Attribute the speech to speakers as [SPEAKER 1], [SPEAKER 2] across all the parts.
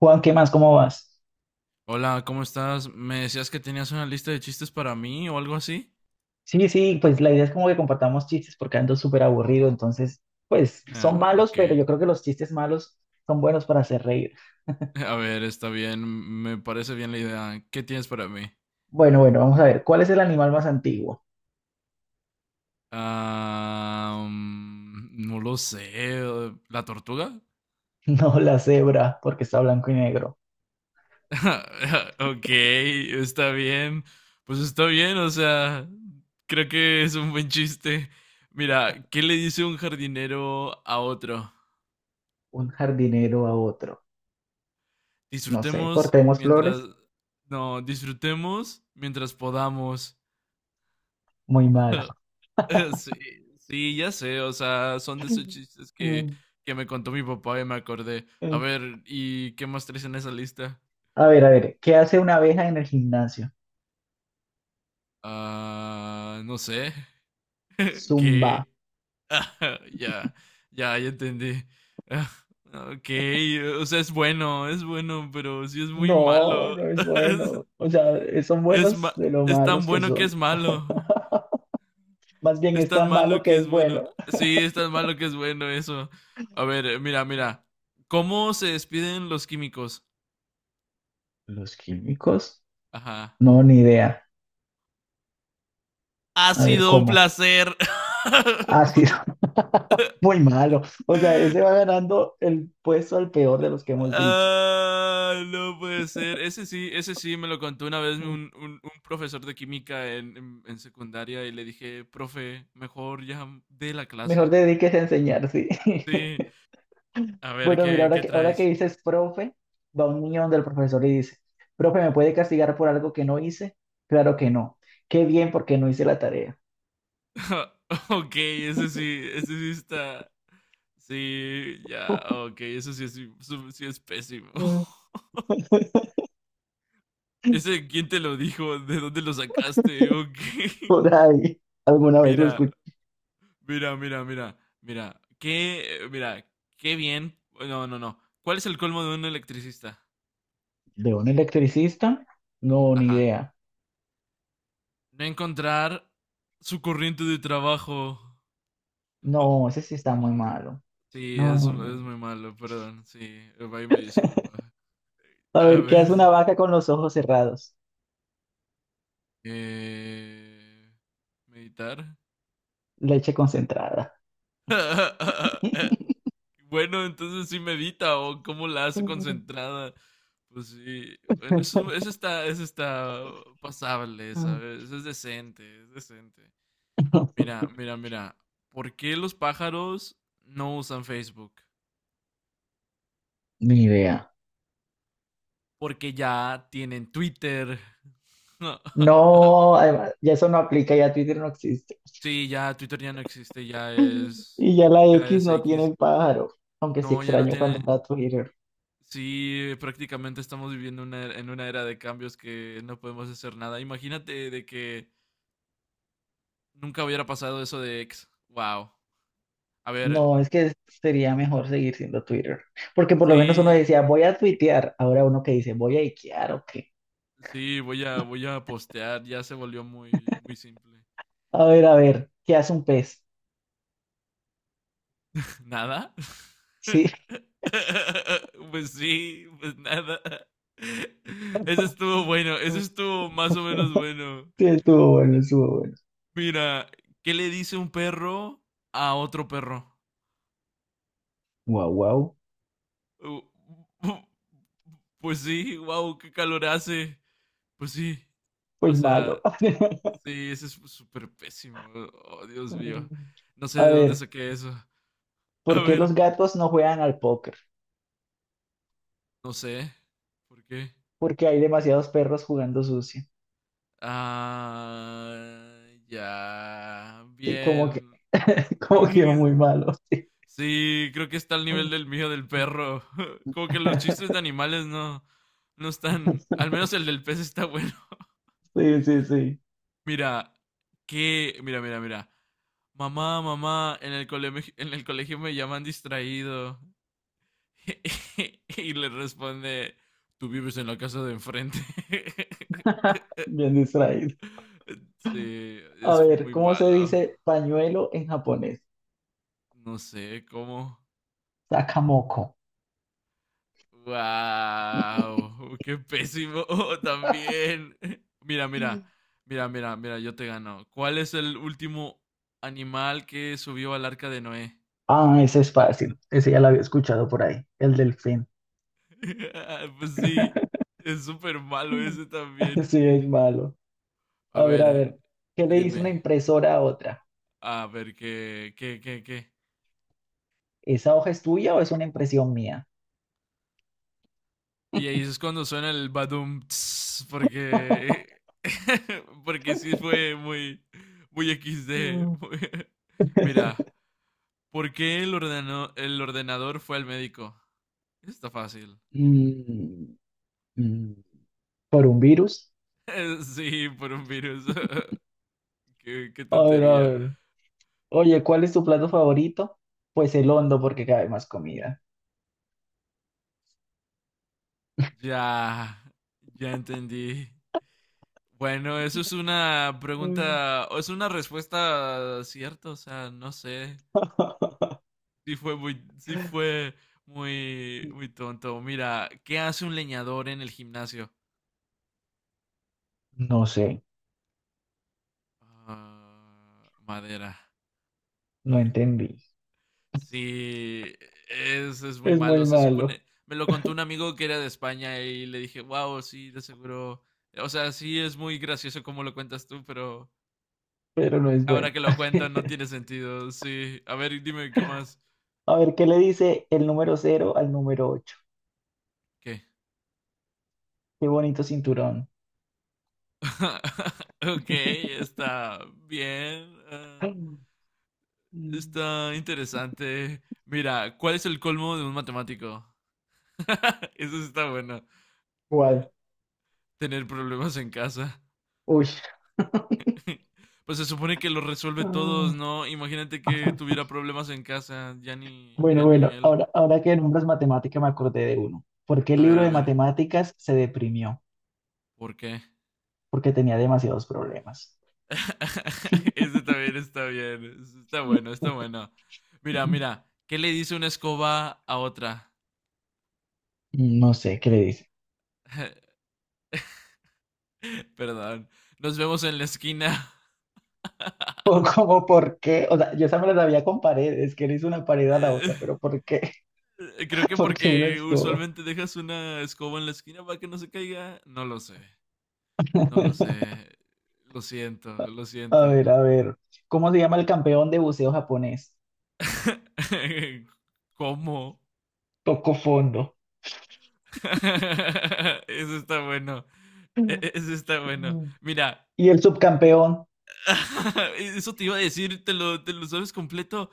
[SPEAKER 1] Juan, ¿qué más? ¿Cómo vas?
[SPEAKER 2] Hola, ¿cómo estás? Me decías que tenías una lista de chistes para mí o algo así.
[SPEAKER 1] Sí, sí, pues la idea es como que compartamos chistes porque ando súper aburrido, entonces, pues son
[SPEAKER 2] Ah,
[SPEAKER 1] malos,
[SPEAKER 2] ok.
[SPEAKER 1] pero yo creo que los chistes malos son buenos para hacer reír.
[SPEAKER 2] A ver, está bien. Me parece bien la idea. ¿Qué tienes para mí?
[SPEAKER 1] Bueno, bueno, vamos a ver, ¿cuál es el animal más antiguo?
[SPEAKER 2] Ah, mm, no lo sé. ¿La tortuga?
[SPEAKER 1] No, la cebra, porque está blanco y negro.
[SPEAKER 2] Ok, está bien. Pues está bien, o sea, creo que es un buen chiste. Mira, ¿qué le dice un jardinero a otro?
[SPEAKER 1] Un jardinero a otro. No sé,
[SPEAKER 2] Disfrutemos
[SPEAKER 1] cortemos
[SPEAKER 2] mientras...
[SPEAKER 1] flores.
[SPEAKER 2] No, disfrutemos mientras podamos.
[SPEAKER 1] Muy malo.
[SPEAKER 2] Sí, sí, ya sé, o sea, son de esos chistes que,
[SPEAKER 1] Mm,
[SPEAKER 2] que me contó mi papá y me acordé. A
[SPEAKER 1] mm.
[SPEAKER 2] ver, ¿y qué más traes en esa lista?
[SPEAKER 1] A ver, ¿qué hace una abeja en el gimnasio?
[SPEAKER 2] Ah, no sé, ¿qué?
[SPEAKER 1] Zumba.
[SPEAKER 2] Ya, ya, ya entendí. Ah, ok, o sea, es bueno, pero sí es muy
[SPEAKER 1] No,
[SPEAKER 2] malo.
[SPEAKER 1] no es bueno. O sea, son
[SPEAKER 2] Es, es,
[SPEAKER 1] buenos
[SPEAKER 2] ma-
[SPEAKER 1] de lo
[SPEAKER 2] es tan
[SPEAKER 1] malos que
[SPEAKER 2] bueno que
[SPEAKER 1] son.
[SPEAKER 2] es malo.
[SPEAKER 1] Más bien
[SPEAKER 2] Es
[SPEAKER 1] es
[SPEAKER 2] tan
[SPEAKER 1] tan
[SPEAKER 2] malo
[SPEAKER 1] malo que
[SPEAKER 2] que es
[SPEAKER 1] es
[SPEAKER 2] bueno.
[SPEAKER 1] bueno.
[SPEAKER 2] Sí, es tan malo que es bueno eso. A ver, mira. ¿Cómo se despiden los químicos?
[SPEAKER 1] ¿Los químicos?
[SPEAKER 2] Ajá.
[SPEAKER 1] No, ni idea.
[SPEAKER 2] Ha
[SPEAKER 1] A ver
[SPEAKER 2] sido un
[SPEAKER 1] cómo.
[SPEAKER 2] placer.
[SPEAKER 1] Ácido, muy malo. O sea, ese va ganando el puesto al peor de los que hemos dicho.
[SPEAKER 2] Ah, no puede ser. Ese sí me lo contó una vez un,
[SPEAKER 1] Mm.
[SPEAKER 2] un- un profesor de química en secundaria y le dije, profe, mejor ya de la
[SPEAKER 1] Mejor
[SPEAKER 2] clase.
[SPEAKER 1] dediques a enseñar, sí.
[SPEAKER 2] Sí, a ver,
[SPEAKER 1] Bueno, mira,
[SPEAKER 2] ¿qué,
[SPEAKER 1] ahora
[SPEAKER 2] qué
[SPEAKER 1] que, ahora que
[SPEAKER 2] traes?
[SPEAKER 1] dices profe, va un niño donde el profesor y dice, profe, ¿me puede castigar por algo que no hice? Claro que no. Qué bien porque no hice la tarea.
[SPEAKER 2] Ok, ese sí está. Sí, ya, ok, eso sí es pésimo.
[SPEAKER 1] Mm.
[SPEAKER 2] ¿Ese quién te lo dijo? ¿De dónde lo sacaste? Ok.
[SPEAKER 1] Por ahí, ¿alguna vez lo
[SPEAKER 2] Mira,
[SPEAKER 1] escuché?
[SPEAKER 2] mira, qué, mira, qué bien. No. ¿Cuál es el colmo de un electricista?
[SPEAKER 1] ¿De un electricista? No, ni
[SPEAKER 2] Ajá.
[SPEAKER 1] idea.
[SPEAKER 2] No encontrar su corriente de trabajo.
[SPEAKER 1] No, ese sí está muy malo.
[SPEAKER 2] Sí,
[SPEAKER 1] No,
[SPEAKER 2] es
[SPEAKER 1] no, no, no.
[SPEAKER 2] muy malo, perdón. Sí, ahí me disculpa.
[SPEAKER 1] A
[SPEAKER 2] A
[SPEAKER 1] ver, ¿qué
[SPEAKER 2] ver,
[SPEAKER 1] hace una vaca con los ojos cerrados?
[SPEAKER 2] eh, meditar.
[SPEAKER 1] Leche concentrada.
[SPEAKER 2] Bueno, entonces sí medita o cómo la hace
[SPEAKER 1] Mm,
[SPEAKER 2] concentrada. Pues sí, bueno, eso está pasable,
[SPEAKER 1] mm.
[SPEAKER 2] ¿sabes? Eso es decente, es decente. Mira. ¿Por qué los pájaros no usan Facebook?
[SPEAKER 1] Ni idea.
[SPEAKER 2] Porque ya tienen Twitter.
[SPEAKER 1] No, además, ya eso no aplica, ya Twitter no existe.
[SPEAKER 2] Sí, ya Twitter ya no existe,
[SPEAKER 1] Y ya la
[SPEAKER 2] ya
[SPEAKER 1] X
[SPEAKER 2] es
[SPEAKER 1] no tiene
[SPEAKER 2] X.
[SPEAKER 1] el pájaro, aunque sí
[SPEAKER 2] No, ya no
[SPEAKER 1] extraño cuando
[SPEAKER 2] tiene.
[SPEAKER 1] era Twitter.
[SPEAKER 2] Sí, prácticamente estamos viviendo en una era de cambios que no podemos hacer nada. Imagínate de que nunca hubiera pasado eso de ex. Wow. A ver,
[SPEAKER 1] No, es que sería mejor seguir siendo Twitter, porque por lo menos uno
[SPEAKER 2] sí,
[SPEAKER 1] decía, voy a tuitear, ahora uno que dice, voy a ikear o qué.
[SPEAKER 2] sí, voy a postear. Ya se volvió muy simple.
[SPEAKER 1] A ver, ¿qué hace un pez?
[SPEAKER 2] ¿Nada?
[SPEAKER 1] Sí.
[SPEAKER 2] Pues sí, pues nada. Eso estuvo bueno, eso estuvo más o menos bueno.
[SPEAKER 1] Sí, estuvo bueno, estuvo bueno.
[SPEAKER 2] Mira, ¿qué le dice un perro a otro perro?
[SPEAKER 1] Guau, guau.
[SPEAKER 2] Uh, uh, pues sí, wow, qué calor hace. Pues sí.
[SPEAKER 1] Pues
[SPEAKER 2] O
[SPEAKER 1] malo.
[SPEAKER 2] sea, sí, ese es súper pésimo. Oh, Dios mío. No sé
[SPEAKER 1] A
[SPEAKER 2] de dónde
[SPEAKER 1] ver,
[SPEAKER 2] saqué eso. A
[SPEAKER 1] ¿por qué
[SPEAKER 2] ver,
[SPEAKER 1] los gatos no juegan al póker?
[SPEAKER 2] no sé. ¿Por qué?
[SPEAKER 1] Porque hay demasiados perros jugando sucio.
[SPEAKER 2] Ah, ya.
[SPEAKER 1] Sí, como que,
[SPEAKER 2] Bien.
[SPEAKER 1] como que muy malo. Sí,
[SPEAKER 2] Sí, creo que está al nivel del mío del perro. Como que los chistes de animales no están. Al menos el del pez está bueno.
[SPEAKER 1] sí, sí, sí.
[SPEAKER 2] Mira, qué, mira. Mamá, mamá, en el colegio me llaman distraído. Y le responde, tú vives en la casa de enfrente.
[SPEAKER 1] Bien distraído.
[SPEAKER 2] Sí,
[SPEAKER 1] A
[SPEAKER 2] es
[SPEAKER 1] ver,
[SPEAKER 2] muy
[SPEAKER 1] ¿cómo se
[SPEAKER 2] malo.
[SPEAKER 1] dice pañuelo en japonés?
[SPEAKER 2] No sé cómo.
[SPEAKER 1] Sakamoko.
[SPEAKER 2] ¡Wow! ¡Qué pésimo! También. Mira,
[SPEAKER 1] Mm.
[SPEAKER 2] mira, mira, yo te gano. ¿Cuál es el último animal que subió al arca de Noé?
[SPEAKER 1] Ah, ese es fácil. Ese ya lo había escuchado por ahí. El delfín.
[SPEAKER 2] Pues sí, es súper malo ese también.
[SPEAKER 1] Sí, es malo.
[SPEAKER 2] A
[SPEAKER 1] A
[SPEAKER 2] ver,
[SPEAKER 1] ver, ¿qué le dice
[SPEAKER 2] dime.
[SPEAKER 1] una impresora a otra?
[SPEAKER 2] A ver, ¿qué?
[SPEAKER 1] ¿Esa hoja es tuya o es una impresión mía?
[SPEAKER 2] Y ahí es cuando suena el badum tss, porque porque sí fue muy XD.
[SPEAKER 1] Mm,
[SPEAKER 2] Mira, ¿por qué el ordeno- ¿el ordenador fue al médico? Está fácil.
[SPEAKER 1] Mm, mm, ¿Por un virus?
[SPEAKER 2] Sí, por un virus. Qué, qué
[SPEAKER 1] A ver, a
[SPEAKER 2] tontería.
[SPEAKER 1] ver. Oye, ¿cuál es tu plato favorito? Pues el hondo, porque cabe más comida.
[SPEAKER 2] Ya, ya entendí. Bueno, eso es una
[SPEAKER 1] mm.
[SPEAKER 2] pregunta, o es una respuesta cierta, o sea, no sé. Sí fue muy tonto. Mira, ¿qué hace un leñador en el gimnasio?
[SPEAKER 1] No sé,
[SPEAKER 2] Ah, madera.
[SPEAKER 1] no entendí.
[SPEAKER 2] Sí, es muy
[SPEAKER 1] Es muy
[SPEAKER 2] malo. Se
[SPEAKER 1] malo,
[SPEAKER 2] supone, me lo contó un amigo que era de España y le dije, wow, sí, de seguro. O sea, sí es muy gracioso como lo cuentas tú, pero
[SPEAKER 1] pero no es bueno.
[SPEAKER 2] ahora que lo cuentan no tiene sentido. Sí, a ver, dime qué más.
[SPEAKER 1] A ver, ¿qué le dice el número cero al número ocho?
[SPEAKER 2] ¿Qué?
[SPEAKER 1] Qué bonito cinturón.
[SPEAKER 2] Ok, está bien. Ah.
[SPEAKER 1] Mm,
[SPEAKER 2] Está interesante. Mira, ¿cuál es el colmo de un matemático? Eso sí está bueno.
[SPEAKER 1] ¿Cuál?
[SPEAKER 2] Tener problemas en casa.
[SPEAKER 1] Uy.
[SPEAKER 2] Pues se supone que lo resuelve
[SPEAKER 1] Ah,
[SPEAKER 2] todos, ¿no? Imagínate que tuviera problemas en casa.
[SPEAKER 1] bueno,
[SPEAKER 2] Ya ni
[SPEAKER 1] bueno,
[SPEAKER 2] él.
[SPEAKER 1] ahora que nombras matemática me acordé de uno. ¿Por qué el
[SPEAKER 2] A ver,
[SPEAKER 1] libro
[SPEAKER 2] a
[SPEAKER 1] de
[SPEAKER 2] ver.
[SPEAKER 1] matemáticas se deprimió?
[SPEAKER 2] ¿Por qué?
[SPEAKER 1] Porque tenía demasiados problemas.
[SPEAKER 2] Ese también está bien. Está bueno, está bueno. Mira. ¿Qué le dice una escoba a otra?
[SPEAKER 1] No sé qué le dice.
[SPEAKER 2] Perdón. Nos vemos en la esquina.
[SPEAKER 1] O como por qué, o sea, yo esa me la sabía con paredes, que le hizo una pared a la otra, pero ¿por qué?
[SPEAKER 2] Creo que
[SPEAKER 1] Porque una
[SPEAKER 2] porque
[SPEAKER 1] escoba.
[SPEAKER 2] usualmente dejas una escoba en la esquina para que no se caiga. No lo sé. No lo sé. Lo siento, lo
[SPEAKER 1] A ver,
[SPEAKER 2] siento.
[SPEAKER 1] a ver. ¿Cómo se llama el campeón de buceo japonés?
[SPEAKER 2] ¿Cómo?
[SPEAKER 1] Tocó fondo.
[SPEAKER 2] Eso está bueno.
[SPEAKER 1] Mm.
[SPEAKER 2] Eso está bueno. Mira,
[SPEAKER 1] ¿Y el subcampeón?
[SPEAKER 2] eso te iba a decir, ¿te lo sabes completo?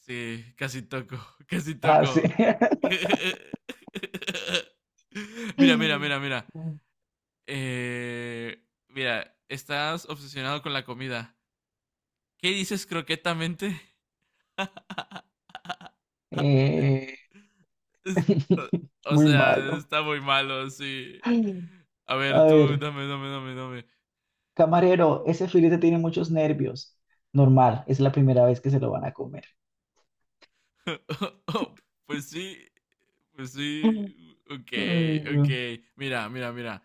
[SPEAKER 2] Sí, casi toco, casi
[SPEAKER 1] Ah, sí.
[SPEAKER 2] toco. Mira, mira, mira, mira.
[SPEAKER 1] Mm.
[SPEAKER 2] Eh, mira, estás obsesionado con la comida. ¿Qué dices croquetamente?
[SPEAKER 1] Eh,
[SPEAKER 2] Es- o
[SPEAKER 1] muy
[SPEAKER 2] sea,
[SPEAKER 1] malo.
[SPEAKER 2] está muy malo, sí.
[SPEAKER 1] Mm.
[SPEAKER 2] A
[SPEAKER 1] A
[SPEAKER 2] ver, tú,
[SPEAKER 1] ver,
[SPEAKER 2] dame.
[SPEAKER 1] camarero, ese filete tiene muchos nervios. Normal, es la primera vez que se lo van a comer.
[SPEAKER 2] Pues sí, pues sí.
[SPEAKER 1] Mm.
[SPEAKER 2] Ok,
[SPEAKER 1] Ay, güey.
[SPEAKER 2] ok. Mira.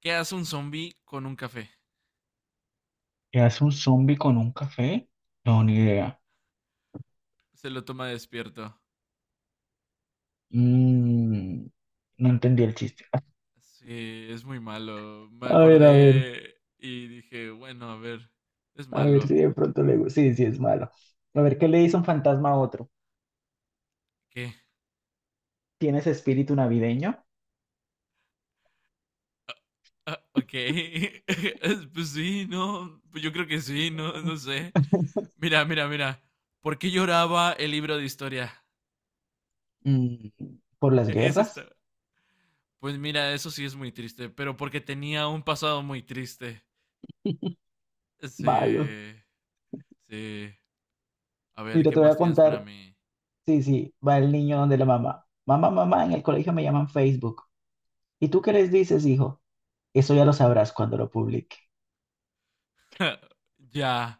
[SPEAKER 2] ¿Qué hace un zombie con un café?
[SPEAKER 1] ¿Qué hace un zombie con un café? No, ni idea.
[SPEAKER 2] Se lo toma despierto.
[SPEAKER 1] Mm, no entendí el chiste.
[SPEAKER 2] Sí, es muy malo. Me
[SPEAKER 1] A ver, a ver,
[SPEAKER 2] acordé y dije, bueno, a ver, es
[SPEAKER 1] a ver si
[SPEAKER 2] malo.
[SPEAKER 1] de pronto le gusta. Sí, sí, es malo. A ver, ¿qué le dice un fantasma a otro?
[SPEAKER 2] ¿Qué?
[SPEAKER 1] ¿Tienes espíritu navideño?
[SPEAKER 2] Ah, ok. Pues sí, no. Pues yo creo que sí, no, no sé. Mira. ¿Por qué lloraba el libro de historia?
[SPEAKER 1] Mm, ¿por las
[SPEAKER 2] Es
[SPEAKER 1] guerras?
[SPEAKER 2] esta. Pues mira, eso sí es muy triste, pero porque tenía un pasado muy triste.
[SPEAKER 1] Malo.
[SPEAKER 2] Sí. Sí. A ver,
[SPEAKER 1] Mira,
[SPEAKER 2] ¿qué
[SPEAKER 1] te voy
[SPEAKER 2] más
[SPEAKER 1] a
[SPEAKER 2] tienes para
[SPEAKER 1] contar.
[SPEAKER 2] mí?
[SPEAKER 1] Sí, sí, va el niño donde la mamá. Mamá, mamá, en el colegio me llaman Facebook. ¿Y tú qué les dices, hijo? Eso ya lo sabrás cuando lo publique.
[SPEAKER 2] Ya.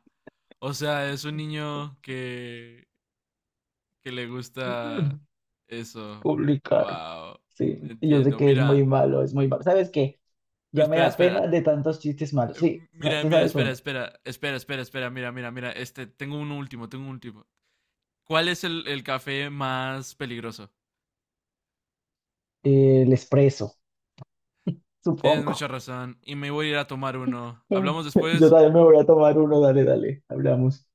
[SPEAKER 2] O sea, es un niño que le gusta eso.
[SPEAKER 1] Publicar.
[SPEAKER 2] Wow.
[SPEAKER 1] Sí, y yo sé
[SPEAKER 2] Entiendo.
[SPEAKER 1] que es muy
[SPEAKER 2] Mira,
[SPEAKER 1] malo, es muy malo. ¿Sabes qué? Ya me
[SPEAKER 2] espera,
[SPEAKER 1] da pena
[SPEAKER 2] espera.
[SPEAKER 1] de tantos chistes malos.
[SPEAKER 2] Eh,
[SPEAKER 1] Sí, sa- ¿te sabes uno?
[SPEAKER 2] Espera, mira, este, tengo un último. ¿Cuál es el café más peligroso?
[SPEAKER 1] El expreso,
[SPEAKER 2] Tienes mucha
[SPEAKER 1] supongo.
[SPEAKER 2] razón y me voy a ir a tomar uno. ¿Hablamos
[SPEAKER 1] Yo
[SPEAKER 2] después?
[SPEAKER 1] también me voy a tomar uno, dale, dale, hablamos.